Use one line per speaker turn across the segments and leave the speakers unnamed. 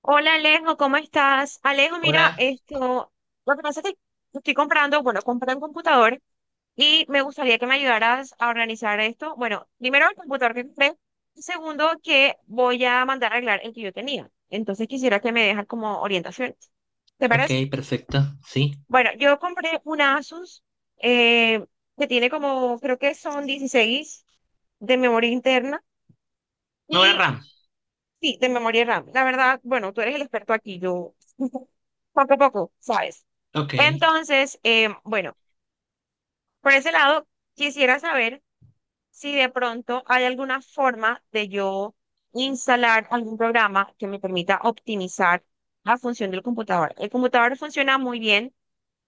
Hola Alejo, ¿cómo estás? Alejo, mira,
Hola.
esto, lo que pasa es que estoy comprando, bueno, compré un computador y me gustaría que me ayudaras a organizar esto. Bueno, primero el computador que compré, y segundo que voy a mandar a arreglar el que yo tenía. Entonces quisiera que me dejas como orientaciones. ¿Te parece?
Ok, Perfecto, sí.
Bueno, yo compré un Asus eh, que tiene como, creo que son 16 de memoria interna.
Memoria
Y
RAM.
Sí, de memoria RAM. La verdad, bueno, tú eres el experto aquí, yo poco a poco, ¿sabes?
Ok,
Entonces, bueno, por ese lado, quisiera saber si de pronto hay alguna forma de yo instalar algún programa que me permita optimizar la función del computador. El computador funciona muy bien.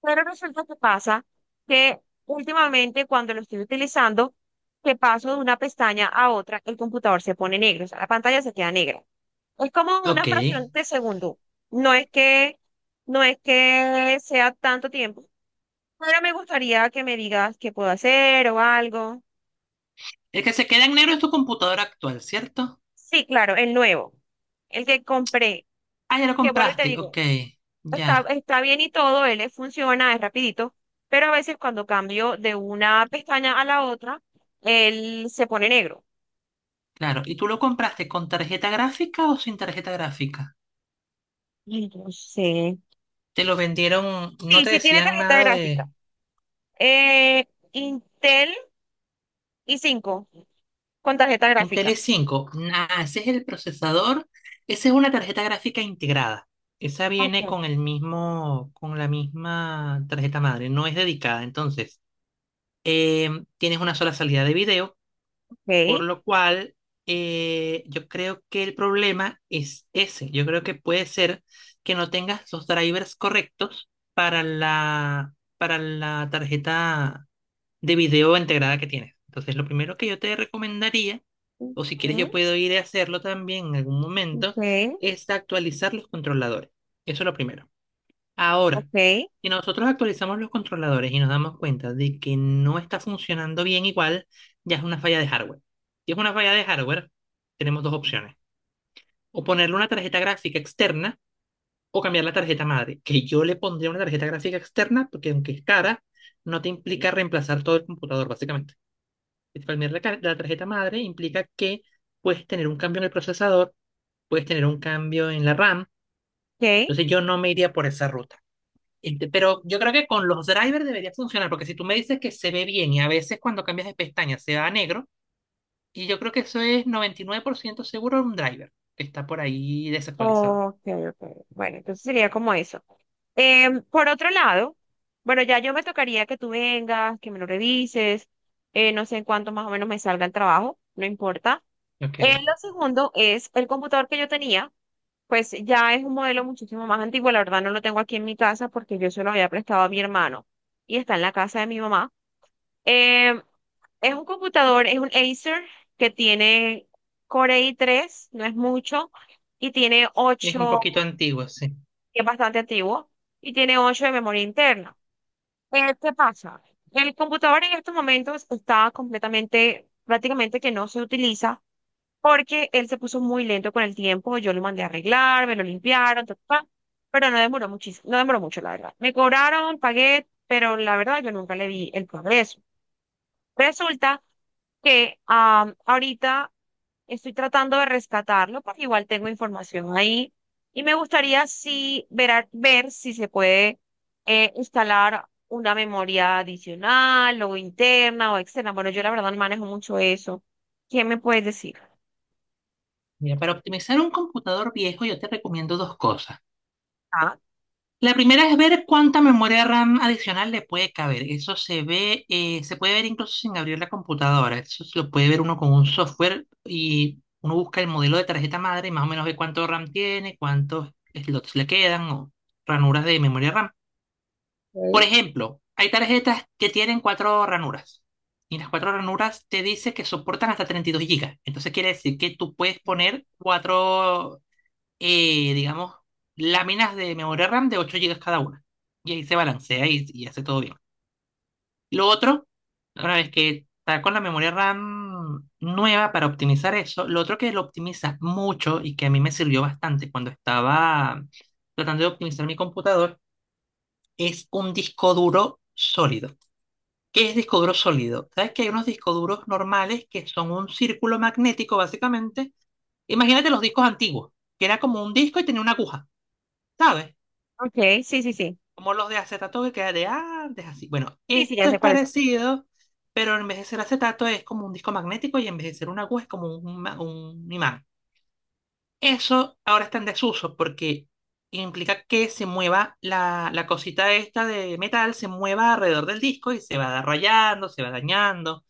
Pero resulta que pasa que últimamente cuando lo estoy utilizando, que paso de una pestaña a otra, el computador se pone negro, o sea, la pantalla se queda negra. Es como una
ok.
fracción de segundo. No es que, no es que sea tanto tiempo, pero me gustaría que me digas qué puedo hacer o algo.
El que se queda en negro es tu computadora actual, ¿cierto?
Sí, claro, el nuevo, el que compré,
Ah, ya lo
que vuelvo y te
compraste.
digo,
Ok, ya,
está bien y todo, él le funciona, es rapidito, pero a veces cuando cambio de una pestaña a la otra, él se pone negro.
claro. ¿Y tú lo compraste con tarjeta gráfica o sin tarjeta gráfica?
Entonces,
Te lo vendieron, no te
sí tiene
decían
tarjeta
nada
gráfica.
de
Eh, Intel i cinco con tarjeta
Intel
gráfica.
i5. Ah, ese es el procesador, esa es una tarjeta gráfica integrada. Esa viene
Ok.
con el mismo, con la misma tarjeta madre, no es dedicada, entonces. Tienes una sola salida de video. Por
Ok.
lo cual, yo creo que el problema es ese. Yo creo que puede ser que no tengas los drivers correctos para la tarjeta de video integrada que tienes. Entonces, lo primero que yo te recomendaría, o si quieres yo
Ujú.
puedo ir a hacerlo también en algún
Ok.
momento, es actualizar los controladores. Eso es lo primero. Ahora,
Ok.
si nosotros actualizamos los controladores y nos damos cuenta de que no está funcionando bien igual, ya es una falla de hardware. Si es una falla de hardware, tenemos dos opciones. O ponerle una tarjeta gráfica externa o cambiar la tarjeta madre, que yo le pondría una tarjeta gráfica externa porque aunque es cara, no te implica reemplazar todo el computador, básicamente. Es cambiar la tarjeta madre implica que puedes tener un cambio en el procesador, puedes tener un cambio en la RAM.
Ok.
Entonces yo no me iría por esa ruta. Pero yo creo que con los drivers debería funcionar, porque si tú me dices que se ve bien y a veces cuando cambias de pestaña se va a negro, y yo creo que eso es 99% seguro un driver que está por ahí desactualizado.
Ok, ok. Bueno, entonces sería como eso. Em, por otro lado, bueno, ya yo me tocaría que tú vengas, que me lo revises, no sé en cuánto más o menos me salga el trabajo, no importa.
Ok,
Lo segundo es el computador que yo tenía, pues ya es un modelo muchísimo más antiguo, la verdad no lo tengo aquí en mi casa porque yo se lo había prestado a mi hermano y está en la casa de mi mamá. Eh, es un computador, es un Acer que tiene Core i3, no es mucho, y tiene
es un
8
poquito antiguo, sí.
que es bastante antiguo, y tiene 8 de memoria interna. ¿Qué pasa? El computador en estos momentos está completamente, prácticamente que no se utiliza porque él se puso muy lento con el tiempo, yo lo mandé a arreglar, me lo limpiaron, ta, ta, ta, pero no demoró muchísimo, no demoró mucho, la verdad. Me cobraron, pagué, pero la verdad yo nunca le vi el progreso. Resulta que ahorita estoy tratando de rescatarlo, porque igual tengo información ahí y me gustaría sí ver si se puede instalar una memoria adicional o interna o externa. Bueno, yo la verdad no manejo mucho eso. ¿Qué me puedes decir?
Mira, para optimizar un computador viejo yo te recomiendo dos cosas.
Ah,
La primera es ver cuánta memoria RAM adicional le puede caber. Eso se ve, se puede ver incluso sin abrir la computadora. Eso se lo puede ver uno con un software y uno busca el modelo de tarjeta madre y más o menos ve cuánto RAM tiene, cuántos slots le quedan o ranuras de memoria RAM. Por
Ok.
ejemplo, hay tarjetas que tienen cuatro ranuras y las cuatro ranuras te dice que soportan hasta 32 GB. Entonces quiere decir que tú puedes poner cuatro digamos, láminas de memoria RAM de 8 gigas cada una. Y ahí se balancea y hace todo bien. Lo otro, una vez que está con la memoria RAM nueva para optimizar eso, lo otro que lo optimiza mucho y que a mí me sirvió bastante cuando estaba tratando de optimizar mi computador es un disco duro sólido. ¿Qué es disco duro sólido? Sabes que hay unos discos duros normales que son un círculo magnético, básicamente. Imagínate los discos antiguos, que era como un disco y tenía una aguja, ¿sabes?
Ok, sí, sí, sí.
Como los de acetato que queda de antes, así. Bueno,
Sí, sí, ya
esto
sé
es
cuáles son.
parecido, pero en vez de ser acetato es como un disco magnético y en vez de ser una aguja es como un imán. Eso ahora está en desuso porque implica que se mueva la cosita esta de metal, se mueva alrededor del disco y se va rayando, se va dañando.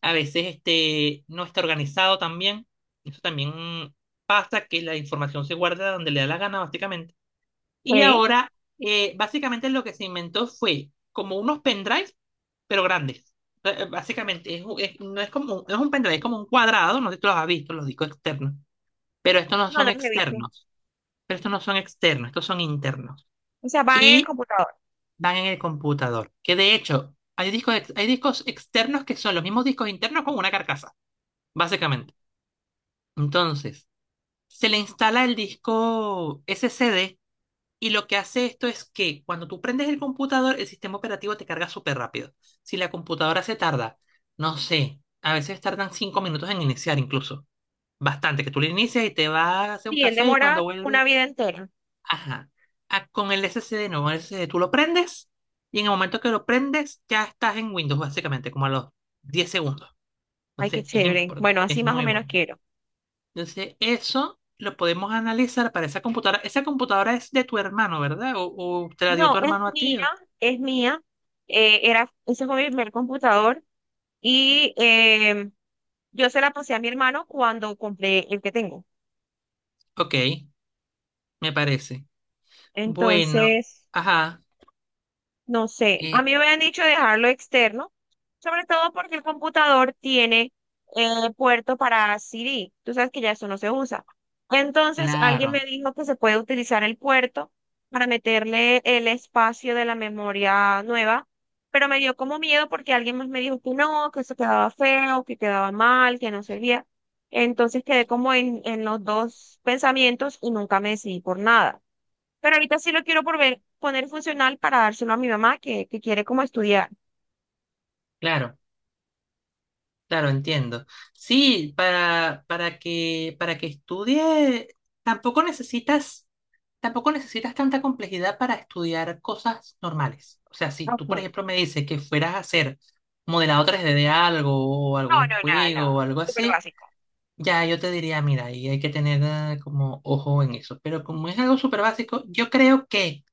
A veces no está organizado también. Eso también pasa que la información se guarda donde le da la gana, básicamente y
Ok,
ahora, básicamente lo que se inventó fue como unos pendrives, pero grandes. Básicamente, no es como, no es un pendrive, es como un cuadrado, no sé si tú los has visto, los discos externos, pero estos no
no,
son
no los he visto.
externos, estos son internos.
O sea, van en el
Y
computador.
van en el computador, que de hecho, hay hay discos externos que son los mismos discos internos con una carcasa, básicamente. Entonces, se le instala el disco SCD. Y lo que hace esto es que cuando tú prendes el computador, el sistema operativo te carga súper rápido. Si la computadora se tarda, no sé, a veces tardan 5 minutos en iniciar incluso. Bastante, que tú le inicias y te vas a hacer un
Sí, él
café y cuando
demora una
vuelves,
vida entera.
ajá. Ah, con el SSD, no, con el SSD tú lo prendes y en el momento que lo prendes ya estás en Windows básicamente, como a los 10 segundos.
Ay, qué
Entonces es
chévere.
importante,
Bueno, así
es
más o
muy
menos
bueno.
quiero.
Entonces, eso lo podemos analizar para esa computadora. Esa computadora es de tu hermano, ¿verdad? ¿O te la dio
No,
tu
es
hermano a
mía,
ti?
es mía. Ese fue mi primer computador y yo se la pasé a mi hermano cuando compré el que tengo.
Ok, me parece. Bueno,
Entonces,
ajá.
no sé, a
eh,
mí me habían dicho dejarlo externo, sobre todo porque el computador tiene puerto para CD. Tú sabes que ya eso no se usa. Entonces, alguien me
claro,
dijo que se puede utilizar el puerto para meterle el espacio de la memoria nueva, pero me dio como miedo porque alguien más me dijo que no, que eso quedaba feo, que quedaba mal, que no servía. Entonces quedé como en los dos pensamientos y nunca me decidí por nada. Pero ahorita sí lo quiero por poner funcional para dárselo a mi mamá que quiere como estudiar.
claro, claro, entiendo. Sí, para que estudie, tampoco necesitas, tampoco necesitas tanta complejidad para estudiar cosas normales. O sea, si
Ok.
tú, por
No,
ejemplo, me dices que fueras a hacer modelado 3D de algo o
no,
algún
nada,
juego
nada.
o algo
Súper
así,
básico.
ya, yo te diría, mira, y hay que tener como ojo en eso. Pero como es algo súper básico, yo creo que,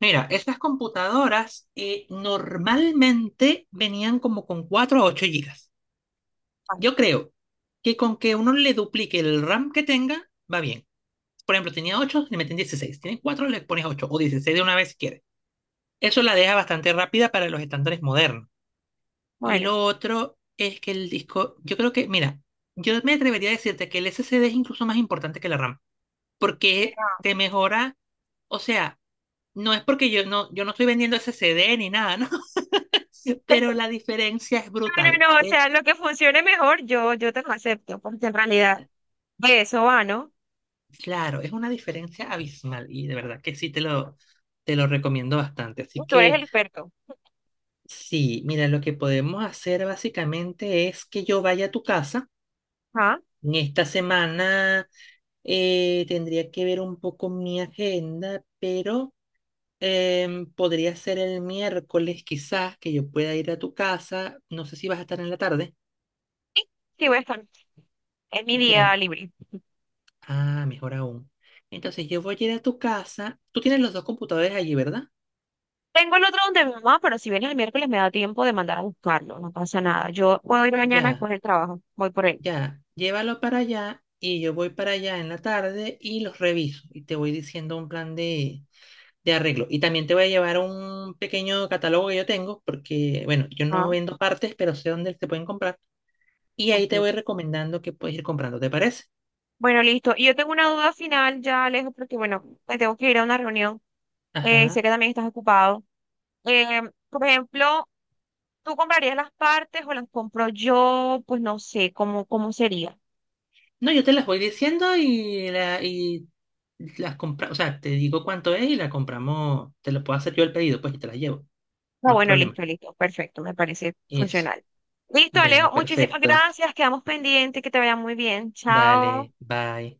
mira, estas computadoras normalmente venían como con 4 a 8 gigas.
Ah,
Yo creo que con que uno le duplique el RAM que tenga, va bien. Por ejemplo, tenía 8, le meten 16. Tienes 4, le pones 8 o 16 de una vez si quieres. Eso la deja bastante rápida para los estándares modernos. Y
bueno.
lo otro es que el disco, yo creo que, mira, yo me atrevería a decirte que el SSD es incluso más importante que la RAM, porque
Pero...
te mejora, o sea, no es porque yo no estoy vendiendo ese CD ni nada, ¿no? Pero la diferencia es-
No,
brutal.
no, no, o sea, lo que funcione mejor, yo te lo acepto, porque en realidad de eso va, ¿no?
Claro, es una diferencia abismal y de verdad que sí te lo recomiendo bastante. Así
Tú eres
que
el experto.
sí, mira, lo que podemos hacer básicamente es que yo vaya a tu casa.
¿Ah?
En esta semana tendría que ver un poco mi agenda, pero podría ser el miércoles, quizás, que yo pueda ir a tu casa. No sé si vas a estar en la tarde.
Sí, sí voy a estar. Es mi
Ya.
día libre.
Ah, mejor aún. Entonces yo voy a ir a tu casa. Tú tienes los dos computadores allí, ¿verdad?
Tengo el otro donde mi mamá, pero si vienes el miércoles me da tiempo de mandar a buscarlo, no pasa nada. Yo puedo ir mañana
Ya,
después del trabajo, voy por él.
ya. Llévalo para allá y yo voy para allá en la tarde y los reviso y te voy diciendo un plan de arreglo. Y también te voy a llevar un pequeño catálogo que yo tengo porque, bueno, yo no
¿Ah?
vendo partes, pero sé dónde se pueden comprar. Y ahí
Ok,
te voy recomendando que puedes ir comprando, ¿te parece?
bueno, listo. Y yo tengo una duda final ya, Alejo, porque bueno, me tengo que ir a una reunión. Sé
Ajá.
que también estás ocupado. Eh, por ejemplo, ¿tú comprarías las partes o las compro yo? Pues no sé, ¿cómo, cómo sería?
No, yo te las voy diciendo y las compras, o sea, te digo cuánto es y la compramos, te lo puedo hacer yo el pedido, pues y te las llevo,
Ah,
no es
bueno,
problema.
listo, listo. Perfecto, me parece
Eso.
funcional. Listo,
Bueno,
Alejo, muchísimas
perfecto.
gracias. Quedamos pendientes, que te vaya muy bien. Chao.
Dale, bye.